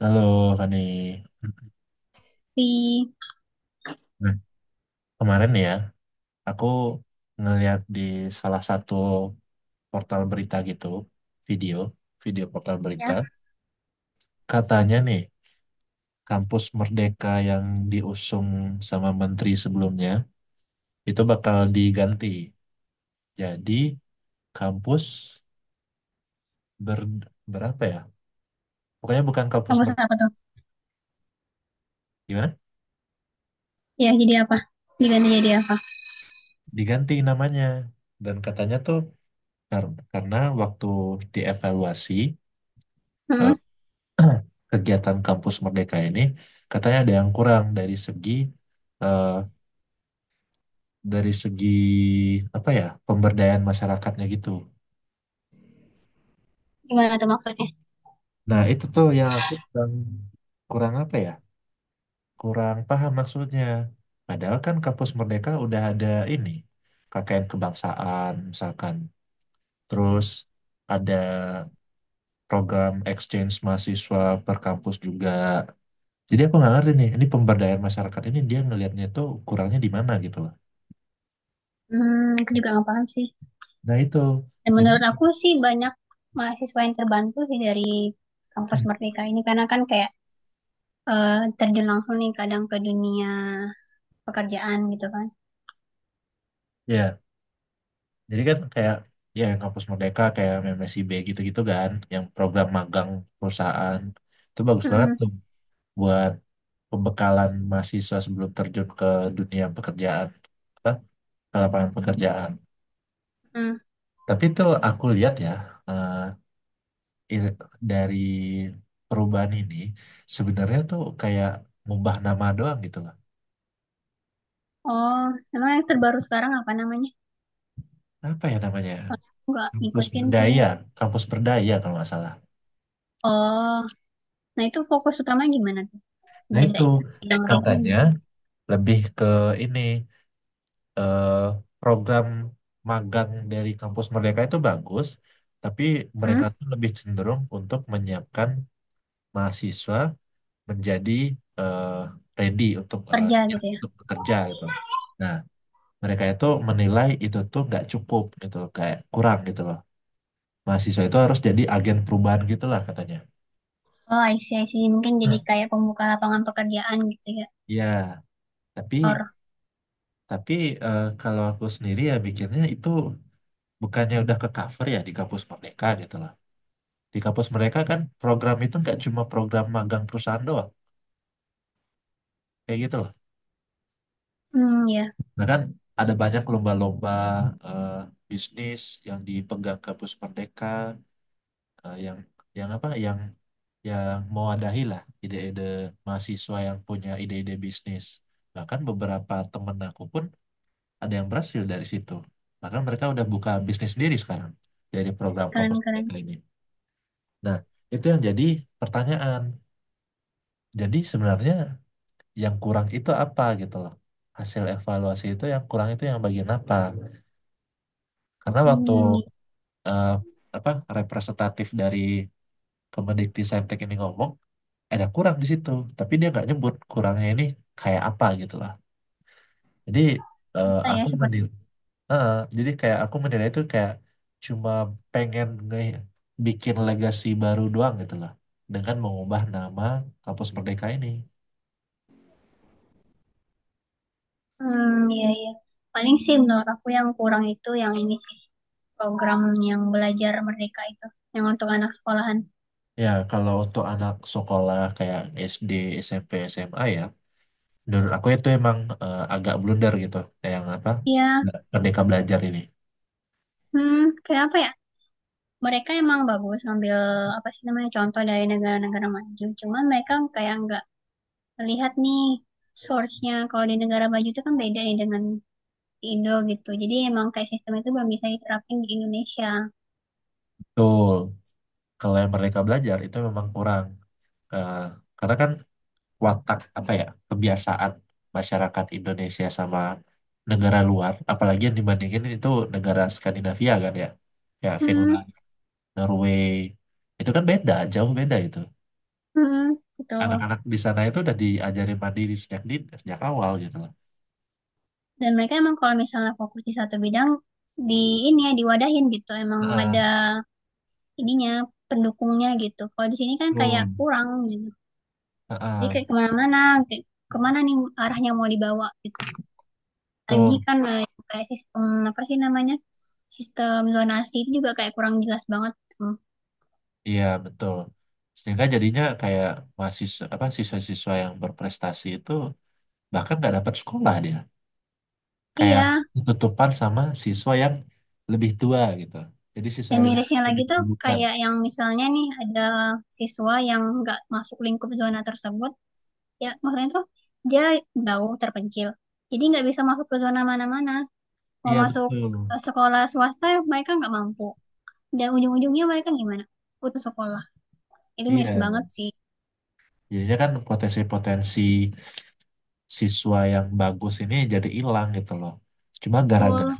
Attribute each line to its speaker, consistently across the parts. Speaker 1: Halo Fani,
Speaker 2: di
Speaker 1: nah kemarin ya aku ngeliat di salah satu portal berita gitu, video, video portal berita,
Speaker 2: Ya.
Speaker 1: katanya nih kampus Merdeka yang diusung sama menteri sebelumnya itu bakal diganti. Jadi kampus ber, berapa ya? Pokoknya bukan kampus
Speaker 2: Kampus apa
Speaker 1: Merdeka,
Speaker 2: tuh?
Speaker 1: gimana?
Speaker 2: Ya, jadi apa? Diganti jadi apa?
Speaker 1: Diganti namanya. Dan katanya tuh karena waktu dievaluasi
Speaker 2: Hmm,
Speaker 1: eh, kegiatan kampus Merdeka ini katanya ada yang kurang dari segi eh, dari segi apa ya pemberdayaan masyarakatnya gitu.
Speaker 2: gimana tuh maksudnya?
Speaker 1: Nah itu tuh yang aku kurang kurang apa ya kurang paham maksudnya. Padahal kan kampus Merdeka udah ada ini KKN kebangsaan misalkan, terus ada program exchange mahasiswa per kampus juga. Jadi aku nggak ngerti nih, ini pemberdayaan masyarakat ini dia ngelihatnya tuh kurangnya di mana gitu loh.
Speaker 2: Aku juga nggak paham sih.
Speaker 1: Nah itu
Speaker 2: Dan
Speaker 1: jadi
Speaker 2: menurut aku sih banyak mahasiswa yang terbantu sih dari kampus Merdeka ini karena kan kayak eh, terjun langsung nih kadang ke dunia pekerjaan gitu kan.
Speaker 1: ya jadi kan kayak ya yang kampus Merdeka kayak MMSIB gitu-gitu kan yang program magang perusahaan itu bagus banget tuh
Speaker 2: Hmm.
Speaker 1: buat pembekalan mahasiswa sebelum terjun ke dunia pekerjaan apa ke lapangan pekerjaan.
Speaker 2: Hmm.
Speaker 1: Tapi itu aku lihat ya, eh, i- dari perubahan ini sebenarnya tuh kayak ngubah nama doang gitu loh.
Speaker 2: Oh, emang yang terbaru sekarang apa namanya?
Speaker 1: Apa ya namanya,
Speaker 2: Nggak
Speaker 1: kampus
Speaker 2: ngikutin sih.
Speaker 1: berdaya kampus berdaya kalau nggak salah.
Speaker 2: Oh, nah itu fokus utama gimana tuh?
Speaker 1: Nah itu
Speaker 2: Bedanya? Bidang lain
Speaker 1: katanya
Speaker 2: gimana?
Speaker 1: lebih ke ini, eh, program magang dari kampus mereka itu bagus, tapi
Speaker 2: Hmm,
Speaker 1: mereka tuh lebih cenderung untuk menyiapkan mahasiswa menjadi eh,
Speaker 2: kerja
Speaker 1: siap
Speaker 2: gitu ya?
Speaker 1: untuk bekerja gitu. Nah mereka itu menilai itu tuh nggak cukup gitu loh, kayak kurang gitu loh. Mahasiswa itu harus jadi agen perubahan gitu lah katanya.
Speaker 2: Oh, I see, I see. Mungkin jadi
Speaker 1: Nah,
Speaker 2: kayak pembuka lapangan pekerjaan gitu ya.
Speaker 1: ya, tapi
Speaker 2: Or,
Speaker 1: tapi kalau aku sendiri ya bikinnya itu bukannya udah ke cover ya di kampus mereka gitu loh. Di kampus mereka kan program itu nggak cuma program magang perusahaan doang, kayak gitu loh.
Speaker 2: hmm, ya,
Speaker 1: Nah kan ada banyak lomba-lomba eh, bisnis yang dipegang kampus Merdeka, eh, yang apa yang mau adahi lah ide-ide mahasiswa yang punya ide-ide bisnis. Bahkan beberapa temen aku pun ada yang berhasil dari situ. Bahkan mereka udah buka bisnis sendiri sekarang dari program kampus
Speaker 2: keren-keren.
Speaker 1: Merdeka ini. Nah, itu yang jadi pertanyaan. Jadi sebenarnya yang kurang itu apa gitu loh. Hasil evaluasi itu yang kurang itu yang bagian apa? Karena waktu
Speaker 2: Gitu
Speaker 1: eh, apa representatif dari Kemendikti Saintek ini ngomong ada kurang di situ, tapi dia nggak nyebut kurangnya ini kayak apa gitu loh. Jadi
Speaker 2: bisa ya
Speaker 1: aku
Speaker 2: seperti.
Speaker 1: menilai, jadi kayak aku menilai itu kayak cuma pengen bikin legasi baru doang gitu loh, dengan mengubah nama Kampus Merdeka ini.
Speaker 2: Hmm, iya, iya. Paling sih menurut aku yang kurang itu yang ini sih program yang belajar merdeka itu, yang untuk anak sekolahan.
Speaker 1: Ya, kalau untuk anak sekolah kayak SD, SMP, SMA ya, menurut aku itu emang agak blunder gitu. Kayak yang apa?
Speaker 2: Iya,
Speaker 1: Nah, Merdeka belajar ini.
Speaker 2: hmm, kayak apa ya? Mereka emang bagus ngambil apa sih namanya contoh dari negara-negara maju. Cuman mereka kayak nggak melihat nih source-nya. Kalau di negara maju itu kan beda nih dengan Indo gitu. Jadi emang kayak sistem itu belum bisa diterapin di Indonesia.
Speaker 1: Betul. Kalau yang merdeka belajar itu memang kurang. Eh, karena kan watak apa ya, kebiasaan masyarakat Indonesia sama negara luar, apalagi yang dibandingin itu negara Skandinavia kan ya. Ya,
Speaker 2: Hmm,
Speaker 1: Finland, Norway. Itu kan beda, jauh beda itu
Speaker 2: hmm, gitu.
Speaker 1: anak-anak di sana itu udah diajarin mandiri sejak awal gitu.
Speaker 2: Dan mereka emang kalau misalnya fokus di satu bidang di ini ya diwadahin gitu. Emang
Speaker 1: Heeh,
Speaker 2: ada ininya pendukungnya gitu. Kalau di sini kan kayak
Speaker 1: betul.
Speaker 2: kurang gitu. Jadi
Speaker 1: Heeh,
Speaker 2: kayak kemana-mana, kayak kemana nih arahnya mau dibawa gitu. Lagi
Speaker 1: betul.
Speaker 2: kan kayak sistem apa sih namanya? Sistem zonasi itu juga kayak kurang jelas banget. Hmm.
Speaker 1: Iya, betul. Sehingga jadinya kayak mahasiswa apa siswa-siswa yang berprestasi itu bahkan nggak dapat sekolah dia. Kayak
Speaker 2: Iya,
Speaker 1: tutupan sama siswa yang lebih tua gitu. Jadi siswa
Speaker 2: dan
Speaker 1: yang lebih
Speaker 2: mirisnya lagi
Speaker 1: lebih
Speaker 2: tuh
Speaker 1: dulukan.
Speaker 2: kayak yang misalnya nih ada siswa yang nggak masuk lingkup zona tersebut, ya maksudnya tuh dia jauh terpencil. Jadi nggak bisa masuk ke zona mana-mana. Mau
Speaker 1: Iya,
Speaker 2: masuk
Speaker 1: betul.
Speaker 2: ke sekolah swasta mereka nggak mampu. Dan ujung-ujungnya mereka gimana? Putus sekolah. Itu miris banget
Speaker 1: Iya.
Speaker 2: sih.
Speaker 1: Jadinya kan potensi-potensi siswa yang bagus ini jadi hilang gitu loh. Cuma gara-gara
Speaker 2: Betul.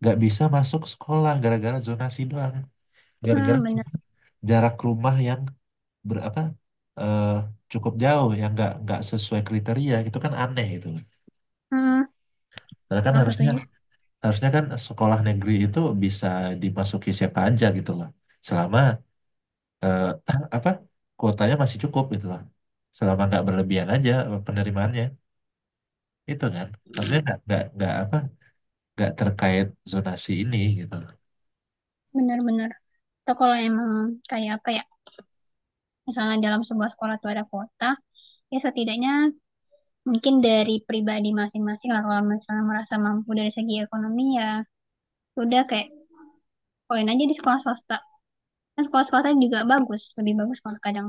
Speaker 1: nggak bisa masuk sekolah gara-gara zonasi doang. Gara-gara
Speaker 2: Hmm, bener.
Speaker 1: cuma jarak rumah yang berapa eh cukup jauh ya nggak sesuai kriteria itu kan aneh gitu loh.
Speaker 2: Hmm,
Speaker 1: Karena kan
Speaker 2: kurang
Speaker 1: harusnya,
Speaker 2: setuju sih.
Speaker 1: harusnya kan sekolah negeri itu bisa dimasuki siapa aja gitu loh. Selama eh, apa kuotanya masih cukup gitu loh. Selama nggak berlebihan aja penerimaannya itu kan harusnya nggak terkait zonasi ini gitu loh.
Speaker 2: Bener-bener. Atau kalau emang kayak apa ya? Misalnya dalam sebuah sekolah tuh ada kota, ya setidaknya mungkin dari pribadi masing-masing lah kalau misalnya merasa mampu dari segi ekonomi ya udah kayak poin aja di sekolah swasta kan sekolah swasta juga bagus lebih bagus malah kadang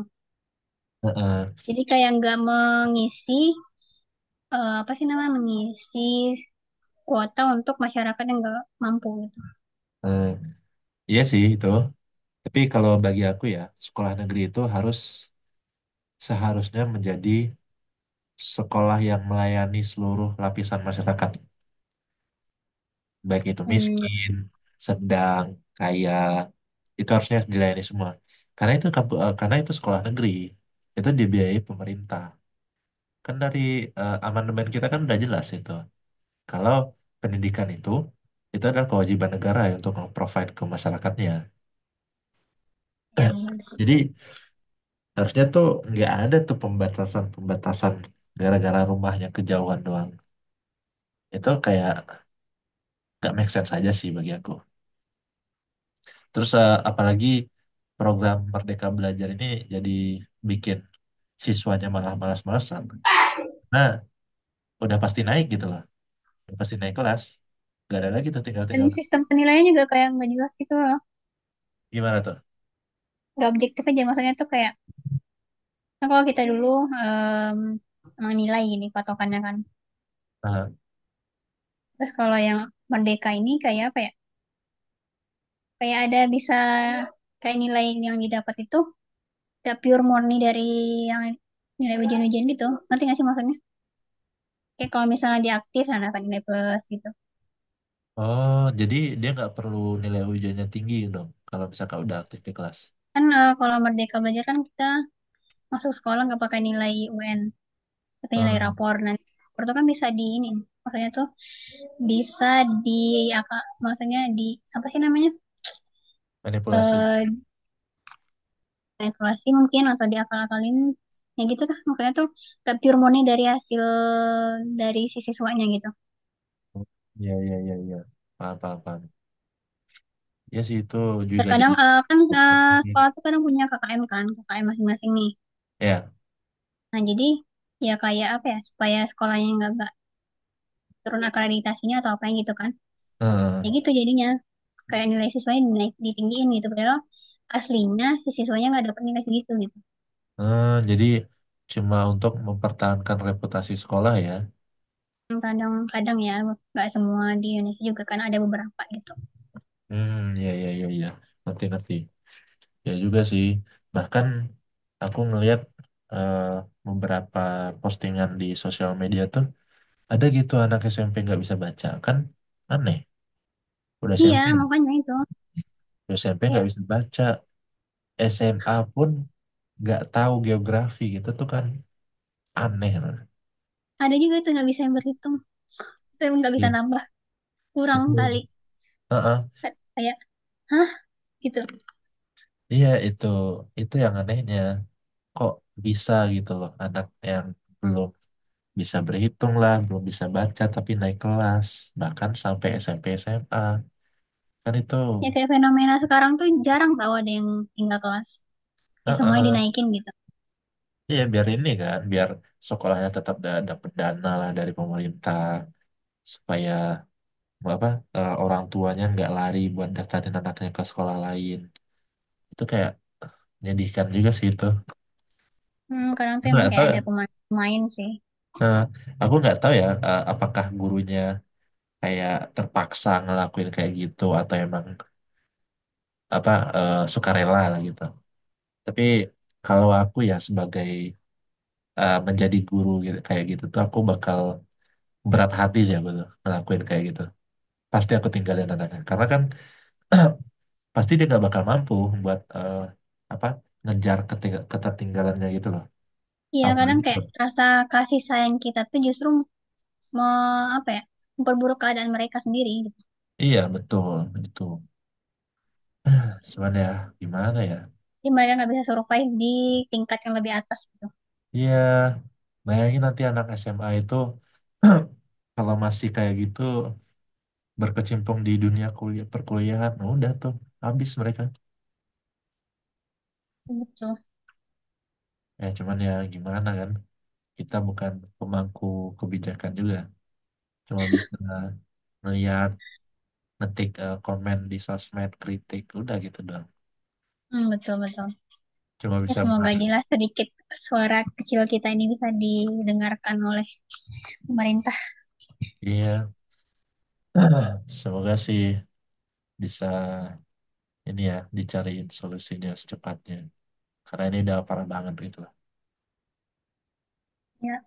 Speaker 1: Heeh.
Speaker 2: jadi kayak nggak mengisi apa sih namanya mengisi kuota untuk masyarakat yang nggak mampu gitu.
Speaker 1: Eh, iya sih itu. Tapi kalau bagi aku ya sekolah negeri itu seharusnya menjadi sekolah yang melayani seluruh lapisan masyarakat, baik itu
Speaker 2: Hmm,
Speaker 1: miskin, sedang, kaya, itu harusnya dilayani semua. Karena itu sekolah negeri, itu dibiayai pemerintah. Kan dari amandemen kita kan udah jelas itu. Kalau pendidikan itu adalah kewajiban negara ya untuk nge-provide ke masyarakatnya.
Speaker 2: ya, ya benar sih.
Speaker 1: Jadi harusnya tuh nggak ada tuh pembatasan-pembatasan gara-gara rumahnya kejauhan doang. Itu kayak nggak make sense aja sih bagi aku. Terus apalagi program Merdeka Belajar ini jadi bikin siswanya malah malas-malasan. Nah, udah pasti naik gitu loh. Udah pasti naik kelas. Gak ada lagi tuh
Speaker 2: Dan
Speaker 1: tinggal-tinggal.
Speaker 2: sistem penilaian juga kayak nggak jelas gitu loh,
Speaker 1: Gimana tuh?
Speaker 2: nggak objektif aja, maksudnya tuh kayak kan kalau kita dulu menilai ini patokannya kan.
Speaker 1: Aha.
Speaker 2: Terus kalau yang merdeka ini kayak apa ya, kayak ada bisa kayak nilai yang didapat itu gak pure murni dari yang nilai ujian-ujian gitu, ngerti gak sih maksudnya, kayak kalau misalnya dia aktif nah dapat nilai plus gitu.
Speaker 1: Oh, jadi dia nggak perlu nilai ujiannya tinggi dong kalau misalkan udah aktif di kelas.
Speaker 2: Kan kalau merdeka belajar kan kita masuk sekolah nggak pakai nilai UN tapi nilai
Speaker 1: Hmm,
Speaker 2: rapor, nah rapor itu kan bisa di ini, maksudnya tuh bisa di apa, maksudnya di apa sih namanya,
Speaker 1: manipulasi.
Speaker 2: eh evaluasi mungkin atau diakal-akalin, ya gitu tuh maksudnya tuh gak pure murni dari hasil dari si siswanya gitu.
Speaker 1: Iya, iya, iya, iya. Paham, paham, paham. Ya sih itu juga jadi
Speaker 2: Terkadang kan
Speaker 1: dokter.
Speaker 2: sekolah tuh kadang punya KKM kan, KKM masing-masing nih.
Speaker 1: Ya.
Speaker 2: Nah jadi ya kayak apa ya supaya sekolahnya nggak turun akreditasinya atau apa yang gitu kan.
Speaker 1: Heeh.
Speaker 2: Ya gitu jadinya kayak nilai siswanya dinaik, ditinggiin gitu. Padahal aslinya si siswanya nggak dapet nilai segitu gitu.
Speaker 1: Heeh, jadi cuma untuk mempertahankan reputasi sekolah ya.
Speaker 2: Kadang-kadang ya nggak semua di Indonesia juga, kan ada beberapa gitu.
Speaker 1: Hmm, ya, ya, ya, ya. Ngerti, ngerti. Ya juga sih. Bahkan aku ngelihat eh, beberapa postingan di sosial media tuh ada gitu anak SMP nggak bisa baca kan aneh. Udah
Speaker 2: Iya
Speaker 1: SMP,
Speaker 2: makanya itu,
Speaker 1: udah SMP nggak
Speaker 2: ya
Speaker 1: bisa baca, SMA pun nggak tahu geografi gitu tuh kan aneh loh.
Speaker 2: ada juga itu nggak bisa yang berhitung, saya nggak bisa
Speaker 1: Ya,
Speaker 2: nambah kurang kali.
Speaker 1: itu, Heeh.
Speaker 2: Kayak, hah, gitu.
Speaker 1: Iya itu, itu yang anehnya. Kok bisa gitu loh anak yang belum bisa berhitung lah, belum bisa baca tapi naik kelas, bahkan sampai SMP SMA kan itu,
Speaker 2: Ya kayak fenomena sekarang tuh jarang tau ada yang tinggal kelas. Kayak semuanya
Speaker 1: Heeh.
Speaker 2: dinaikin gitu.
Speaker 1: Iya biar ini kan, biar sekolahnya tetap dapat dana lah dari pemerintah supaya apa orang tuanya nggak lari buat daftarin anaknya ke sekolah lain, itu kayak menyedihkan juga sih itu.
Speaker 2: Kadang
Speaker 1: Aku
Speaker 2: tuh emang
Speaker 1: nggak tahu,
Speaker 2: kayak
Speaker 1: ya,
Speaker 2: ada pemain-pemain sih.
Speaker 1: eh, aku nggak tahu ya apakah gurunya kayak terpaksa ngelakuin kayak gitu atau emang apa sukarela lah gitu. Tapi kalau aku ya sebagai menjadi guru gitu, kayak gitu tuh aku bakal berat hati sih aku tuh ngelakuin kayak gitu. Pasti aku tinggalin anaknya. Karena kan pasti dia nggak bakal mampu buat eh, apa ngejar ketertinggalannya gitu loh.
Speaker 2: Iya kadang
Speaker 1: Apalagi
Speaker 2: kayak
Speaker 1: ke-
Speaker 2: rasa kasih sayang kita tuh justru me, apa ya, memperburuk keadaan mereka sendiri. Gitu.
Speaker 1: iya betul itu. Cuman ya gimana ya?
Speaker 2: Jadi mereka nggak bisa survive di tingkat yang lebih atas gitu.
Speaker 1: Ya bayangin nanti anak SMA itu kalau masih kayak gitu berkecimpung di dunia kuliah perkuliahan, nah udah tuh habis mereka.
Speaker 2: Betul.
Speaker 1: Ya, cuman ya gimana kan, kita bukan pemangku kebijakan juga. Cuma bisa melihat, komen di sosmed, kritik, udah gitu doang.
Speaker 2: Hmm, betul, betul.
Speaker 1: Cuma
Speaker 2: Ya
Speaker 1: bisa
Speaker 2: semoga
Speaker 1: berharap,
Speaker 2: jelas sedikit, suara kecil kita ini bisa didengarkan oleh pemerintah.
Speaker 1: iya, semoga sih bisa ini ya, dicariin solusinya secepatnya. Karena ini udah parah banget gitu lah.
Speaker 2: Ya,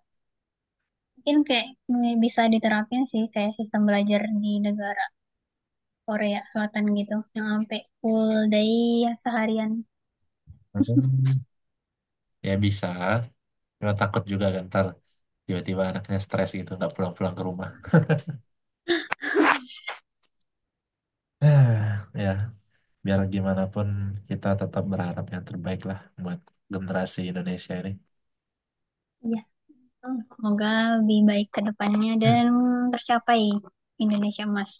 Speaker 2: mungkin kayak bisa diterapin sih kayak sistem belajar di negara Korea Selatan gitu yang sampai full day ya, seharian.
Speaker 1: Hmm, ya bisa, cuma takut juga kan ntar tiba-tiba anaknya stres gitu, nggak pulang-pulang ke rumah. Ya, biar gimana pun kita tetap berharap yang terbaik lah buat generasi Indonesia ini.
Speaker 2: Iya, semoga lebih baik ke depannya dan tercapai Indonesia Emas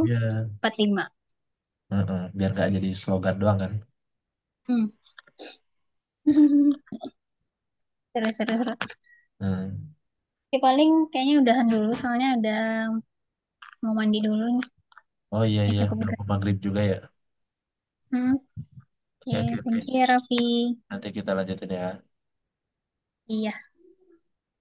Speaker 1: Ya, Heeh, biar nggak jadi slogan doang kan.
Speaker 2: Hmm. Seru, seru, seru.
Speaker 1: Hmm.
Speaker 2: Ya, paling kayaknya udahan dulu soalnya udah mau mandi dulu nih.
Speaker 1: Oh iya
Speaker 2: Udah
Speaker 1: iya,
Speaker 2: cukup,
Speaker 1: udah
Speaker 2: enggak?
Speaker 1: mau maghrib juga ya.
Speaker 2: Hmm. Oke,
Speaker 1: Oke
Speaker 2: okay,
Speaker 1: oke
Speaker 2: thank you
Speaker 1: oke.
Speaker 2: ya, Raffi.
Speaker 1: Nanti kita lanjutin ya.
Speaker 2: Iya.